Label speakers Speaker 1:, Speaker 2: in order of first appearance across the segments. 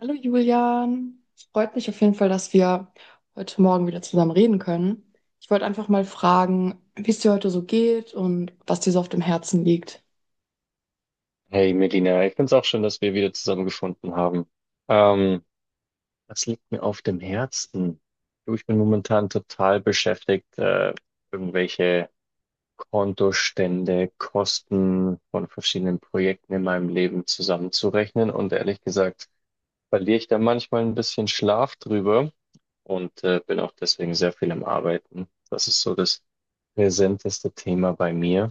Speaker 1: Hallo Julian, es freut mich auf jeden Fall, dass wir heute Morgen wieder zusammen reden können. Ich wollte einfach mal fragen, wie es dir heute so geht und was dir so auf dem Herzen liegt.
Speaker 2: Hey Melina, ich finde es auch schön, dass wir wieder zusammengefunden haben. Ähm, Was liegt mir auf dem Herzen? Du, ich bin momentan total beschäftigt, irgendwelche Kontostände, Kosten von verschiedenen Projekten in meinem Leben zusammenzurechnen. Und ehrlich gesagt, verliere ich da manchmal ein bisschen Schlaf drüber und bin auch deswegen sehr viel am Arbeiten. Das ist so das präsenteste Thema bei mir.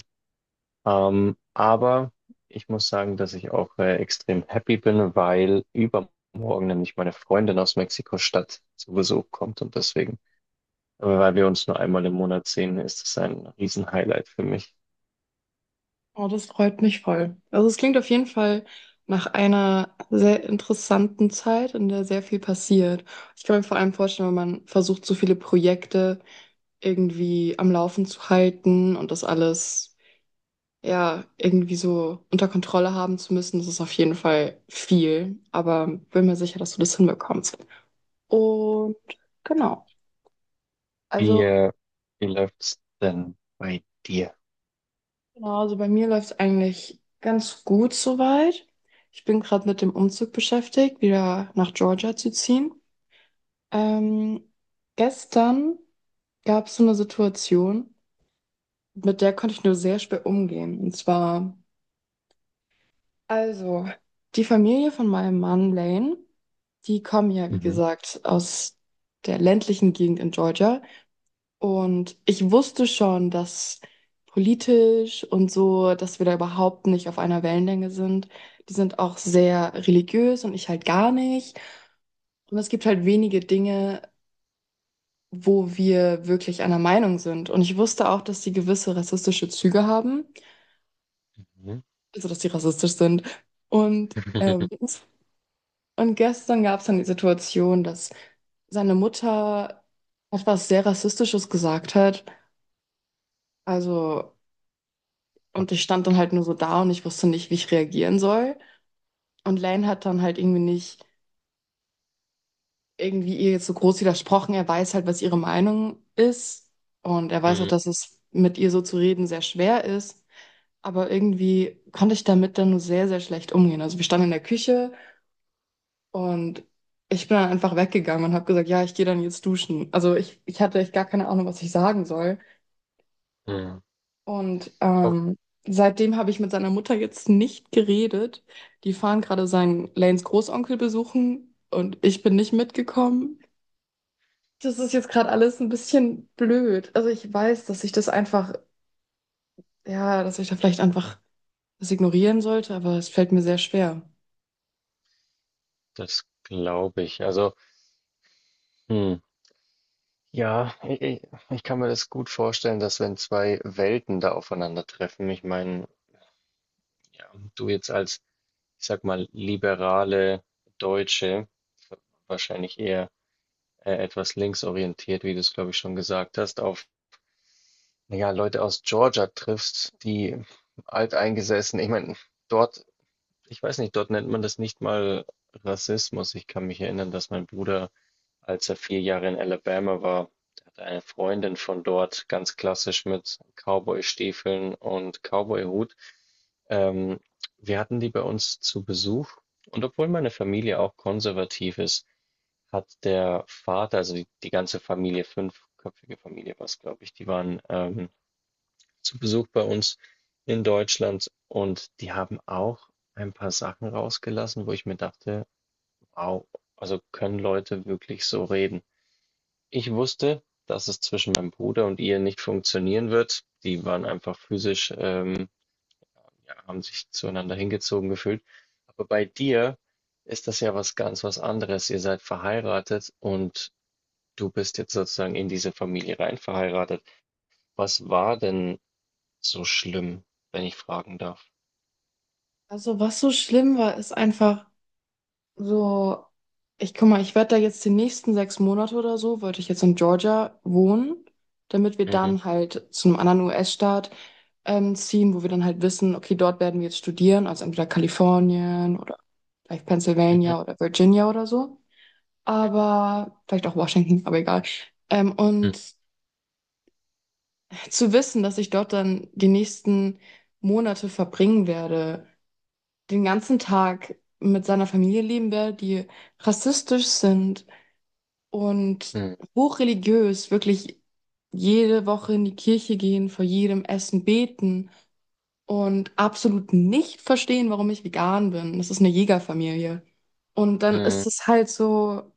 Speaker 2: Aber ich muss sagen, dass ich auch extrem happy bin, weil übermorgen nämlich meine Freundin aus Mexiko-Stadt zu Besuch kommt, und deswegen, weil wir uns nur einmal im Monat sehen, ist es ein Riesenhighlight für mich.
Speaker 1: Oh, das freut mich voll. Also es klingt auf jeden Fall nach einer sehr interessanten Zeit, in der sehr viel passiert. Ich kann mir vor allem vorstellen, wenn man versucht, so viele Projekte irgendwie am Laufen zu halten und das alles, ja, irgendwie so unter Kontrolle haben zu müssen. Das ist auf jeden Fall viel, aber bin mir sicher, dass du das hinbekommst. Und genau,
Speaker 2: Wie,
Speaker 1: also
Speaker 2: wie läuft's denn bei dir?
Speaker 1: genau, also bei mir läuft es eigentlich ganz gut soweit. Ich bin gerade mit dem Umzug beschäftigt, wieder nach Georgia zu ziehen. Ähm, Gestern gab es so eine Situation, mit der konnte ich nur sehr schwer umgehen. Also, die Familie von meinem Mann Lane, die kommen ja, wie
Speaker 2: Mhm.
Speaker 1: gesagt, aus der ländlichen Gegend in Georgia. Und ich wusste schon, dass politisch und so, dass wir da überhaupt nicht auf einer Wellenlänge sind. Die sind auch sehr religiös und ich halt gar nicht. Und es gibt halt wenige Dinge, wo wir wirklich einer Meinung sind. Und ich wusste auch, dass sie gewisse rassistische Züge haben,
Speaker 2: Mhm.
Speaker 1: also dass sie rassistisch sind. Und ähm, Und gestern gab es dann die Situation, dass seine Mutter etwas sehr Rassistisches gesagt hat. Also,
Speaker 2: Oh.
Speaker 1: und ich stand dann halt nur so da und ich wusste nicht, wie ich reagieren soll. Und Lane hat dann halt irgendwie nicht ihr jetzt so groß widersprochen. Er weiß halt, was ihre Meinung ist. Und er weiß auch,
Speaker 2: Mm.
Speaker 1: dass es mit ihr so zu reden sehr schwer ist. Aber irgendwie konnte ich damit dann nur sehr, sehr schlecht umgehen. Also wir standen in der Küche. Und ich bin dann einfach weggegangen und habe gesagt, ja, ich gehe dann jetzt duschen. Also ich hatte echt gar keine Ahnung, was ich sagen soll.
Speaker 2: Mm.
Speaker 1: Und
Speaker 2: Oh,
Speaker 1: seitdem habe ich mit seiner Mutter jetzt nicht geredet. Die fahren gerade seinen Lanes Großonkel besuchen und ich bin nicht mitgekommen. Das ist jetzt gerade alles ein bisschen blöd. Also ich weiß, dass ich das einfach, ja, dass ich da vielleicht einfach das ignorieren sollte, aber es fällt mir sehr schwer.
Speaker 2: das glaube ich. Also, hm. Ja, ich ich kann mir das gut vorstellen, dass wenn zwei Welten da aufeinandertreffen. Ich meine, ja, du jetzt als, ich sag mal, liberale Deutsche, wahrscheinlich eher etwas linksorientiert, wie du es, glaube ich, schon gesagt hast, auf, ja, Leute aus Georgia triffst, die alteingesessen. Ich meine, dort, ich weiß nicht, dort nennt man das nicht mal Rassismus. Ich kann mich erinnern, dass mein Bruder, als er vier Jahre in Alabama war, der hatte eine Freundin von dort, ganz klassisch mit Cowboy-Stiefeln und Cowboy-Hut. Ähm, Wir hatten die bei uns zu Besuch, und obwohl meine Familie auch konservativ ist, hat der Vater, also die ganze Familie, fünfköpfige Familie war es, glaube ich, die waren zu Besuch bei uns in Deutschland, und die haben auch ein paar Sachen rausgelassen, wo ich mir dachte, wow, also können Leute wirklich so reden? Ich wusste, dass es zwischen meinem Bruder und ihr nicht funktionieren wird. Die waren einfach physisch, ja, haben sich zueinander hingezogen gefühlt. Aber bei dir ist das ja was ganz was anderes. Ihr seid verheiratet, und du bist jetzt sozusagen in diese Familie rein verheiratet. Was war denn so schlimm, wenn ich fragen darf?
Speaker 1: Also was so schlimm war, ist einfach, so, ich guck mal, ich werde da jetzt die nächsten 6 Monate oder so, wollte ich jetzt in Georgia wohnen, damit wir
Speaker 2: Mhm.
Speaker 1: dann halt zu einem anderen US-Staat ziehen, wo wir dann halt wissen, okay, dort werden wir jetzt studieren, also entweder Kalifornien oder vielleicht
Speaker 2: Mhm.
Speaker 1: Pennsylvania oder Virginia oder so, aber vielleicht auch Washington, aber egal. Ähm,
Speaker 2: Mhm.
Speaker 1: und zu wissen, dass ich dort dann die nächsten Monate verbringen werde, den ganzen Tag mit seiner Familie leben werde, die rassistisch sind, und
Speaker 2: Mhm.
Speaker 1: hochreligiös, wirklich jede Woche in die Kirche gehen, vor jedem Essen beten und absolut nicht verstehen, warum ich vegan bin. Das ist eine Jägerfamilie. Und dann ist
Speaker 2: Mhm.
Speaker 1: es halt so,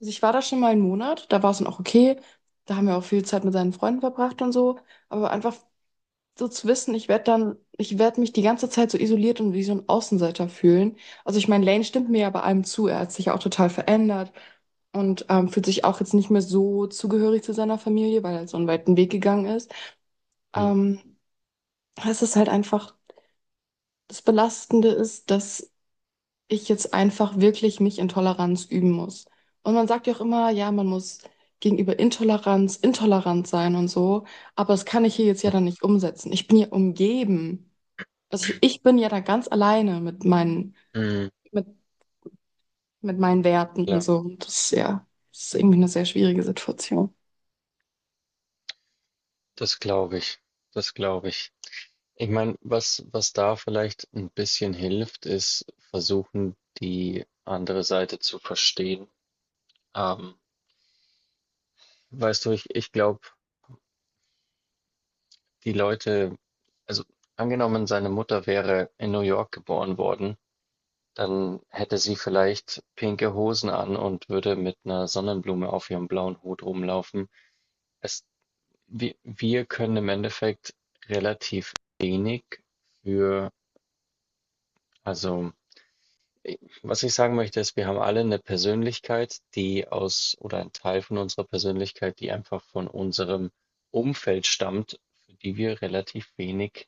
Speaker 1: also ich war da schon mal 1 Monat, da war es dann auch okay, da haben wir auch viel Zeit mit seinen Freunden verbracht und so, aber einfach so zu wissen, ich werde mich die ganze Zeit so isoliert und wie so ein Außenseiter fühlen. Also ich meine, Lane stimmt mir ja bei allem zu. Er hat sich ja auch total verändert und fühlt sich auch jetzt nicht mehr so zugehörig zu seiner Familie, weil er so einen weiten Weg gegangen ist.
Speaker 2: Mhm.
Speaker 1: Ähm, Es ist halt einfach, das Belastende ist, dass ich jetzt einfach wirklich mich in Toleranz üben muss. Und man sagt ja auch immer, ja, man muss gegenüber Intoleranz intolerant sein und so, aber das kann ich hier jetzt ja dann nicht umsetzen. Ich bin ja umgeben. Also ich bin ja da ganz alleine mit meinen,
Speaker 2: Mhm.
Speaker 1: mit, mit meinen, Werten und
Speaker 2: Klar,
Speaker 1: so. Und das ist ja, das ist irgendwie eine sehr schwierige Situation.
Speaker 2: das glaube ich. Das glaube ich. Ich meine, was, was da vielleicht ein bisschen hilft, ist versuchen, die andere Seite zu verstehen. Ähm, Weißt du, ich glaube, die Leute, also angenommen, seine Mutter wäre in New York geboren worden, dann hätte sie vielleicht pinke Hosen an und würde mit einer Sonnenblume auf ihrem blauen Hut rumlaufen. Es Wir können im Endeffekt relativ wenig für, also i- was ich sagen möchte, ist, wir haben alle eine Persönlichkeit, die aus, oder ein Teil von unserer Persönlichkeit, die einfach von unserem Umfeld stammt, für die wir relativ wenig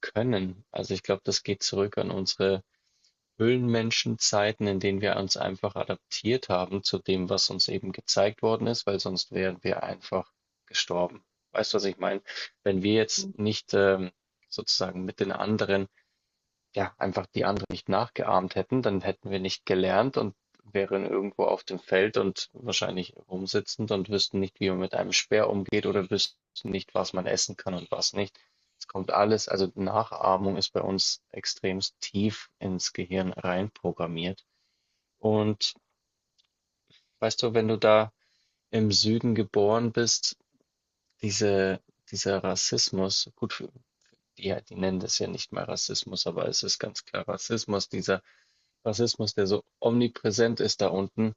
Speaker 2: können. Also ich glaube, das geht zurück an unsere Höhlenmenschen Zeiten, in denen wir uns einfach adaptiert haben zu dem, was uns eben gezeigt worden ist, weil sonst wären wir einfach gestorben. Weißt du, was ich meine? Wenn wir jetzt nicht sozusagen mit den anderen, ja, einfach die anderen nicht nachgeahmt hätten, dann hätten wir nicht gelernt und wären irgendwo auf dem Feld und wahrscheinlich rumsitzend und wüssten nicht, wie man mit einem Speer umgeht, oder wüssten nicht, was man essen kann und was nicht. Es kommt alles, also Nachahmung ist bei uns extremst tief ins Gehirn reinprogrammiert. Und weißt du, wenn du da im Süden geboren bist, diese, dieser Rassismus, gut, ja, die nennen das ja nicht mal Rassismus, aber es ist ganz klar Rassismus, dieser Rassismus, der so omnipräsent ist da unten.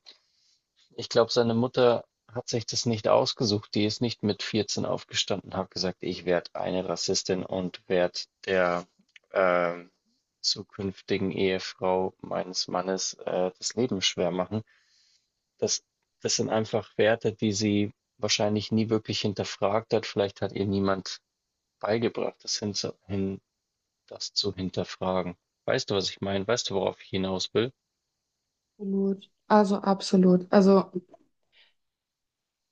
Speaker 2: Ich glaube, seine Mutter hat sich das nicht ausgesucht. Die ist nicht mit 14 aufgestanden, hat gesagt, ich werde eine Rassistin und werde der ähm, zukünftigen Ehefrau meines Mannes das Leben schwer machen. Das, das sind einfach Werte, die sie wahrscheinlich nie wirklich hinterfragt hat. Vielleicht hat ihr niemand beigebracht, das, hin, das zu hinterfragen. Weißt du, was ich meine? Weißt du, worauf ich hinaus will?
Speaker 1: Absolut. Also absolut. Also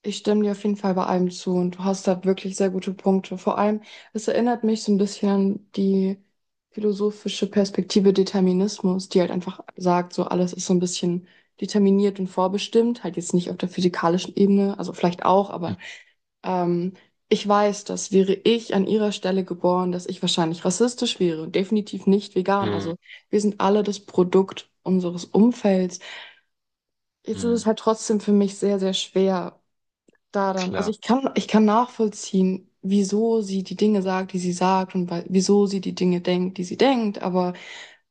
Speaker 1: ich stimme dir auf jeden Fall bei allem zu und du hast da wirklich sehr gute Punkte. Vor allem, es erinnert mich so ein bisschen an die philosophische Perspektive Determinismus, die halt einfach sagt, so alles ist so ein bisschen determiniert und vorbestimmt, halt jetzt nicht auf der physikalischen Ebene, also vielleicht auch, Ähm, ich weiß, dass wäre ich an ihrer Stelle geboren, dass ich wahrscheinlich rassistisch wäre und definitiv nicht vegan.
Speaker 2: Mhm.
Speaker 1: Also wir sind alle das Produkt unseres Umfelds. Jetzt ist
Speaker 2: Mhm.
Speaker 1: es halt trotzdem für mich sehr, sehr schwer
Speaker 2: Na
Speaker 1: da dann. Also
Speaker 2: klar.
Speaker 1: ich kann nachvollziehen, wieso sie die Dinge sagt, die sie sagt und wieso sie die Dinge denkt, die sie denkt, aber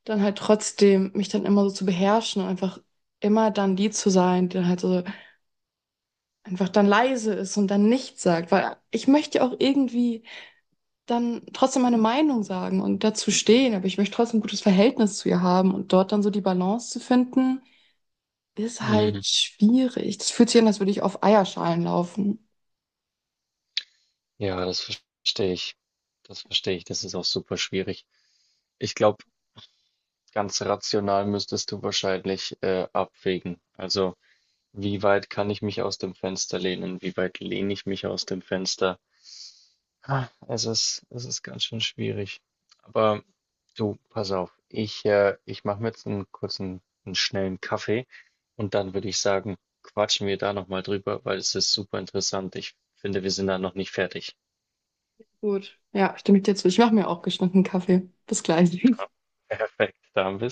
Speaker 1: dann halt trotzdem mich dann immer so zu beherrschen und einfach immer dann die zu sein, die dann halt so einfach dann leise ist und dann nichts sagt, weil ich möchte ja auch irgendwie dann trotzdem meine Meinung sagen und dazu stehen, aber ich möchte trotzdem ein gutes Verhältnis zu ihr haben und dort dann so die Balance zu finden, ist
Speaker 2: Mhm.
Speaker 1: halt schwierig. Das fühlt sich an, als würde ich auf Eierschalen laufen.
Speaker 2: Ja, das verstehe ich. Das verstehe ich. Das ist auch super schwierig. Ich glaube, ganz rational müsstest du wahrscheinlich abwägen. Also, wie weit kann ich mich aus dem Fenster lehnen? Wie weit lehne ich mich aus dem Fenster? Ah, es ist, es ist ganz schön schwierig. Aber du, pass auf. Ich, ich mache mir jetzt einen kurzen, einen schnellen Kaffee, und dann würde ich sagen, quatschen wir da nochmal drüber, weil es ist super interessant. Ich finde, wir sind da noch nicht fertig.
Speaker 1: Gut, ja, stimme ich dir zu. Ich mache mir auch geschnittenen Kaffee. Bis gleich.
Speaker 2: Ja, perfekt, da bist